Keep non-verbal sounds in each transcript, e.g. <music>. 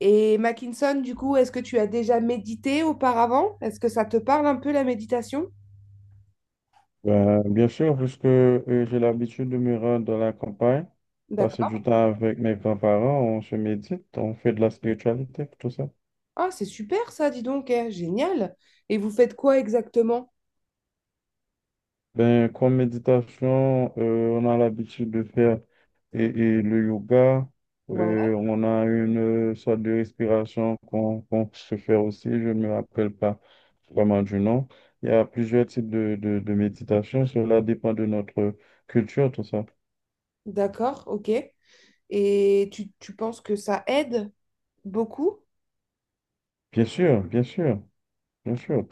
Et Mackinson, du coup, est-ce que tu as déjà médité auparavant? Est-ce que ça te parle un peu la méditation? Ben, bien sûr, puisque j'ai l'habitude de me rendre dans la campagne, passer D'accord. du temps avec mes grands-parents, on se médite, on fait de la spiritualité, tout ça. Ah, c'est super ça, dis donc, eh, génial. Et vous faites quoi exactement? Ben, comme méditation, on a l'habitude de faire et le yoga, Ouais, on a une sorte de respiration qu'on se fait aussi, je ne me rappelle pas vraiment du nom. Il y a plusieurs types de méditation, cela dépend de notre culture, tout ça. d'accord, ok. Et tu penses que ça aide beaucoup? Bien sûr, bien sûr, bien sûr.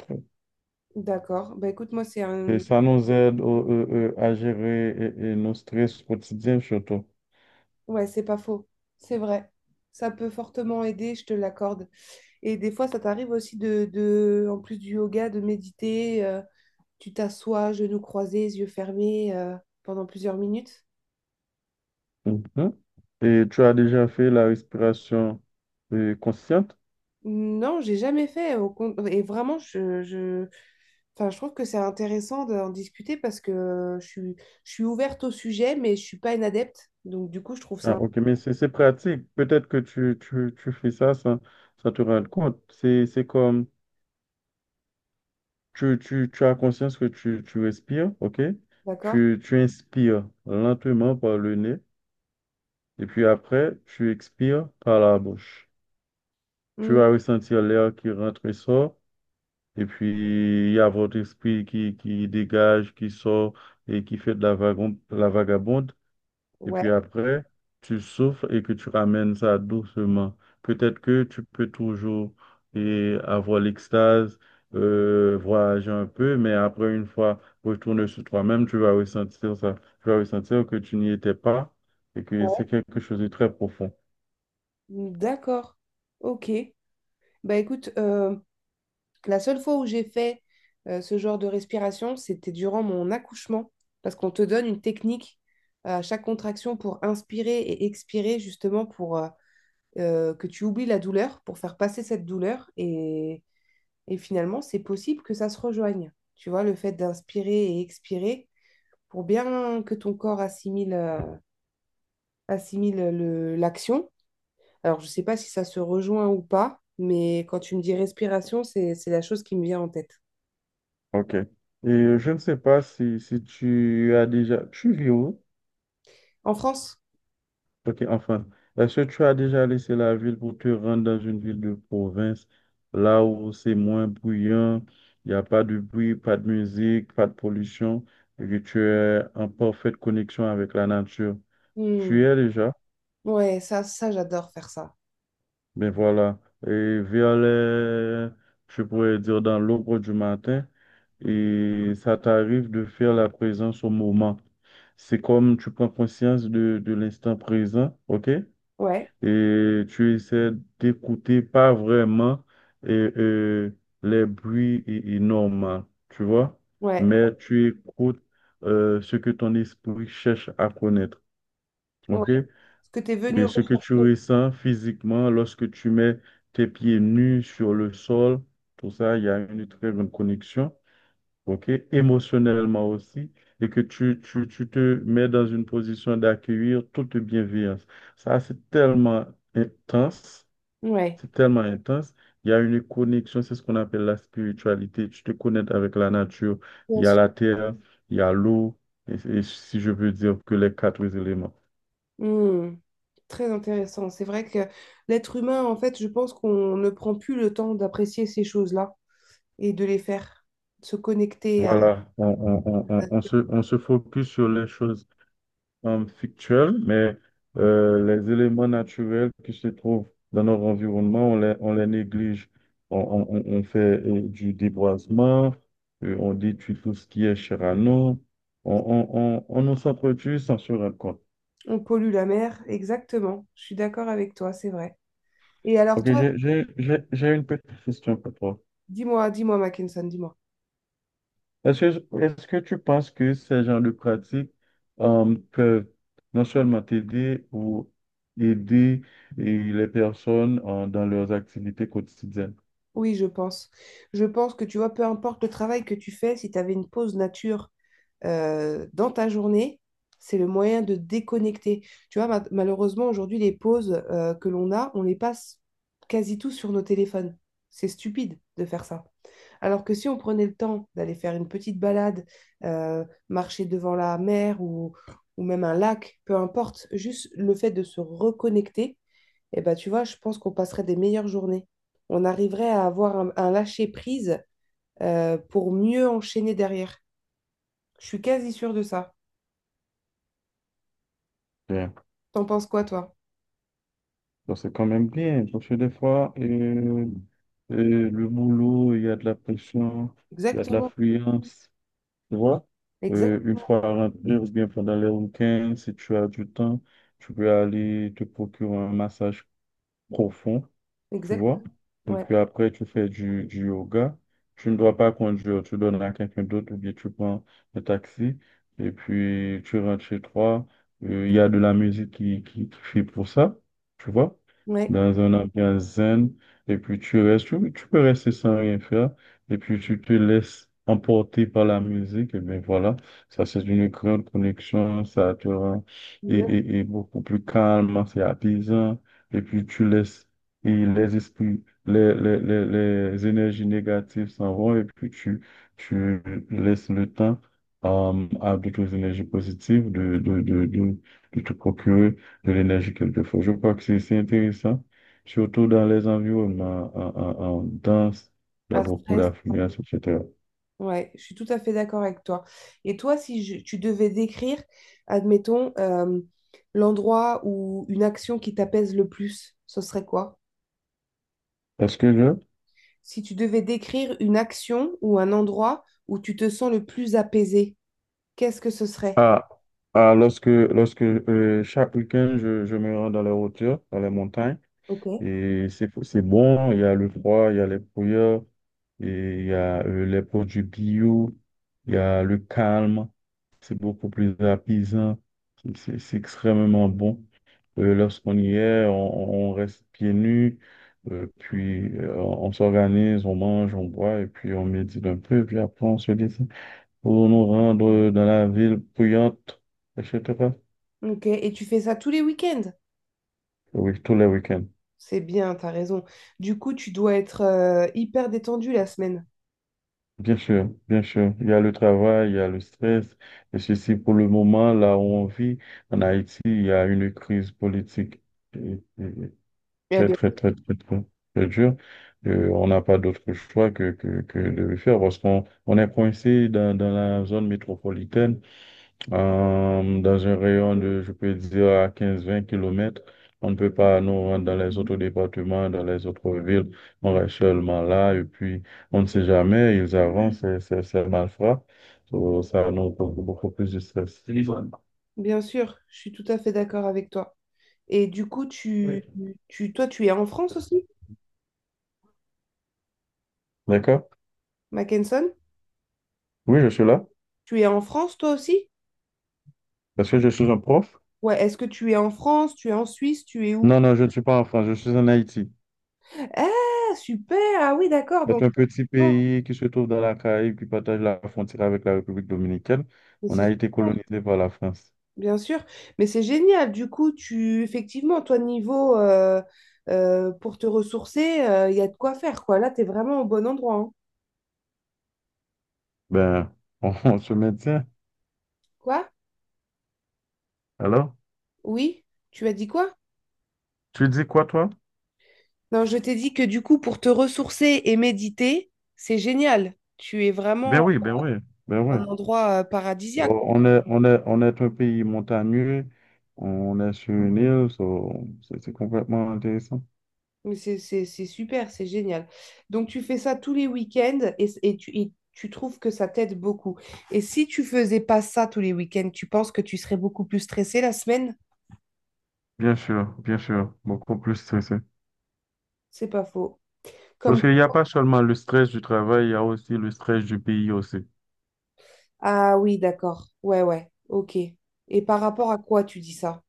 D'accord. Bah écoute, moi, c'est Et un... ça nous aide à gérer et nos stress quotidiens surtout. Ouais, c'est pas faux. C'est vrai. Ça peut fortement aider, je te l'accorde. Et des fois, ça t'arrive aussi en plus du yoga, de méditer. Tu t'assois, genoux croisés, yeux fermés pendant plusieurs minutes? Mhm. Et tu as déjà fait la respiration consciente? Non, j'ai jamais fait. Et vraiment, je... Enfin, je trouve que c'est intéressant d'en discuter parce que je suis ouverte au sujet, mais je suis pas une adepte. Donc, du coup, je trouve Ah, ça... ok, mais c'est pratique. Peut-être que tu fais ça sans te rendre compte. C'est comme tu as conscience que tu respires, ok? D'accord? Tu inspires lentement par le nez et puis après, tu expires par la bouche. Tu Hmm, vas ressentir l'air qui rentre et sort et puis il y a votre esprit qui dégage, qui sort et qui fait de la la vagabonde. Et puis ouais, après, tu souffles et que tu ramènes ça doucement. Peut-être que tu peux toujours et avoir l'extase, voyager un peu, mais après, une fois retourné sur toi-même, tu vas ressentir ça. Tu vas ressentir que tu n'y étais pas et que ouais. c'est quelque chose de très profond. D'accord. Ok. Bah écoute, la seule fois où j'ai fait ce genre de respiration, c'était durant mon accouchement, parce qu'on te donne une technique à chaque contraction pour inspirer et expirer, justement pour que tu oublies la douleur, pour faire passer cette douleur. Et finalement, c'est possible que ça se rejoigne. Tu vois, le fait d'inspirer et expirer, pour bien que ton corps assimile, assimile l'action. Alors, je ne sais pas si ça se rejoint ou pas, mais quand tu me dis respiration, c'est la chose qui me vient en tête. OK. Et je ne sais pas si, si tu as déjà... Tu vis où? En France. Ok, enfin, est-ce que tu as déjà laissé la ville pour te rendre dans une ville de province, là où c'est moins bruyant, il n'y a pas de bruit, pas de musique, pas de pollution, et que tu es en parfaite connexion avec la nature? Tu y Hmm. es déjà, Ouais, ça j'adore faire ça. ben voilà, et vers je pourrais dire dans l'aube du matin, et ça t'arrive de faire la présence au moment. C'est comme tu prends conscience de l'instant présent, ok? Ouais, Et tu essaies d'écouter pas vraiment euh, euh, les bruits normaux, tu vois, ouais, mais tu écoutes ce que ton esprit cherche à connaître, ouais. ok? Ce que tu es venu Et ce que tu rechercher. ressens physiquement lorsque tu mets tes pieds nus sur le sol, tout ça, il y a une très grande connexion, ok? Émotionnellement aussi. Et que tu te mets dans une position d'accueillir toute bienveillance. Ça, c'est tellement intense, Ouais, c'est tellement intense. Il y a une connexion, c'est ce qu'on appelle la spiritualité. Tu te connectes avec la nature. Il bien y a sûr. la terre, il y a l'eau, et si je peux dire que les quatre éléments. Hmm. Très intéressant. C'est vrai que l'être humain, en fait, je pense qu'on ne prend plus le temps d'apprécier ces choses-là et de les faire, de se connecter à... Voilà, on se focus sur les choses fictuelles, mais les éléments naturels qui se trouvent dans notre environnement, on les néglige. On fait du déboisement, on détruit tout ce qui est cher à nous. On nous s'entretue sans se rendre compte. On pollue la mer, exactement. Je suis d'accord avec toi, c'est vrai. Et alors Ok, toi, j'ai une petite question pour toi. dis-moi, dis-moi, Mackinson, dis-moi. Est-ce que tu penses que ces genres de pratiques peuvent non seulement t'aider ou aider et les personnes dans leurs activités quotidiennes? Oui, je pense. Je pense que tu vois, peu importe le travail que tu fais, si tu avais une pause nature dans ta journée, c'est le moyen de déconnecter. Tu vois, malheureusement, aujourd'hui, les pauses que l'on a, on les passe quasi tous sur nos téléphones. C'est stupide de faire ça. Alors que si on prenait le temps d'aller faire une petite balade, marcher devant la mer ou même un lac, peu importe, juste le fait de se reconnecter, eh ben, tu vois, je pense qu'on passerait des meilleures journées. On arriverait à avoir un lâcher-prise pour mieux enchaîner derrière. Je suis quasi sûre de ça. Bien. T'en penses quoi, toi? Donc, c'est quand même bien, parce que des fois, le boulot, il y a de la pression, il y a de Exactement. l'affluence, tu vois? Exact. Une fois rentré ou bien pendant les week-ends, si tu as du temps, tu peux aller te procurer un massage profond, tu Exact. vois. Et Ouais. puis après, tu fais du yoga. Tu ne dois pas conduire, tu donnes à quelqu'un d'autre ou bien tu prends un taxi et puis tu rentres chez toi. Il y a de la musique qui fait pour ça, tu vois, Ouais. dans un ambiance zen. Et puis tu restes, tu peux rester sans rien faire. Et puis tu te laisses emporter par la musique. Et bien voilà, ça c'est une grande connexion. Ça te rend et, Exact. et, et beaucoup plus calme, c'est apaisant. Et puis tu laisses et les esprits, les énergies négatives s'en vont et puis tu laisses le temps à d'autres énergies positives de te procurer de l'énergie quelquefois. Je crois que c'est intéressant, surtout dans les environnements en danse, il y a Un beaucoup stress. d'affluence, etc. Ouais. Je suis tout à fait d'accord avec toi. Et toi, si je- tu devais décrire, admettons, l'endroit ou une action qui t'apaise le plus, ce serait quoi? Est-ce que je... Si tu devais décrire une action ou un endroit où tu te sens le plus apaisé, qu'est-ce que ce serait? Ah, ah, lorsque chaque week-end, je me rends dans les hauteurs, dans les montagnes, Ok. et c'est bon, il y a le froid, il y a les brouillards, et il y a les produits bio, il y a le calme, c'est beaucoup plus apaisant, c'est extrêmement bon. Lorsqu'on y est, on reste pieds nus, puis on s'organise, on mange, on boit, et puis on médite un peu, puis après on se dit pour nous rendre dans la ville bruyante, etc. Ok. Et tu fais ça tous les week-ends? Oui, tous les week-ends. C'est bien, t'as raison. Du coup, tu dois être hyper détendu la semaine. Bien sûr, bien sûr. Il y a le travail, il y a le stress. Et ceci, pour le moment, là où on vit, en Haïti, il y a une crise politique et- et- Eh très, bien, très, très, très, très dure. On n'a pas d'autre choix que de le faire parce qu'on est coincé dans la zone métropolitaine. Dans un rayon de, je peux dire, à quinze-vingt kilomètres, on ne peut pas nous rendre dans les autres départements, dans les autres villes. On reste seulement là et puis on ne sait jamais, ils avancent, c'est malfrats. So, ça nous cause beaucoup plus de stress. Téléphone. bien sûr, je suis tout à fait d'accord avec toi. Et du coup, Oui. Toi, tu es en France aussi, D'accord? Mackenson? Oui, je suis là. Tu es en France, toi aussi? Est-ce que je suis un prof? Ouais, est-ce que tu es en France, tu es en Suisse, tu es où? Non, non, je ne suis pas en France, je suis en Haïti. Ah, super! Ah oui, d'accord. C'est Donc, un petit oh, pays qui se trouve dans la Caraïbe, qui partage la frontière avec la République dominicaine. mais On c'est a été super, colonisé par la France. bien sûr. Mais c'est génial. Du coup, tu, effectivement, toi, niveau, pour te ressourcer, il y a de quoi faire, quoi. Là, tu es vraiment au bon endroit, hein. Ben, on, <laughs> on se maintient. Quoi? Alors, Oui? Tu as dit quoi? tu dis quoi, toi? Non, je t'ai dit que du coup, pour te ressourcer et méditer, c'est génial. Tu es Ben vraiment oui, ben oui, ben oui. en endroit paradisiaque. Oh, on est, on est un pays montagneux, on est sur une île, so, c'est complètement intéressant. Mais c'est super, c'est génial. Donc, tu fais ça tous les week-ends et, et tu trouves que ça t'aide beaucoup. Et si tu faisais pas ça tous les week-ends, tu penses que tu serais beaucoup plus stressé la semaine? Bien sûr, beaucoup plus stressé. C'est pas faux. Parce Comme... qu'il n'y a pas seulement le stress du travail, il y a aussi le stress du pays aussi. Ah oui, d'accord. Ouais, ouais. Ok. Et par rapport à quoi tu dis ça?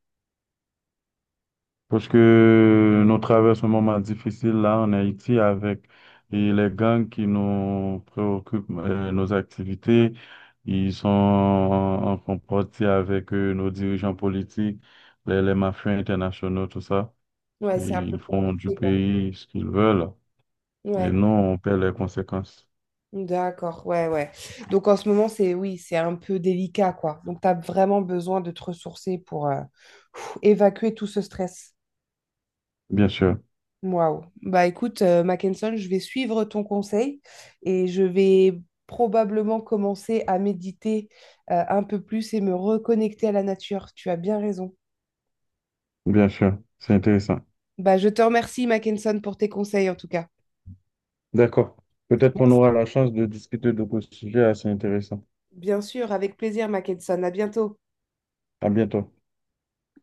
Parce que nous traversons un moment difficile là en Haïti avec et les gangs qui nous préoccupent nos activités. Ils sont en compétition avec nos dirigeants politiques, les mafias internationaux, tout ça. Ouais, Et c'est un peu ils font du compliqué. pays ce qu'ils veulent. Et Ouais, nous, on paie les conséquences. d'accord, ouais, ouais. Donc en ce moment, c'est oui, c'est un peu délicat, quoi. Donc tu as vraiment besoin de te ressourcer pour pff, évacuer tout ce stress. Bien sûr, Waouh. Bah écoute, Mackenson, je vais suivre ton conseil et je vais probablement commencer à méditer un peu plus et me reconnecter à la nature. Tu as bien raison. bien sûr. C'est intéressant. Bah je te remercie, Mackenson, pour tes conseils en tout cas. D'accord. Peut-être qu'on aura la chance de discuter de ce sujet assez intéressant. Bien sûr, avec plaisir, Mackenson. À bientôt. À bientôt.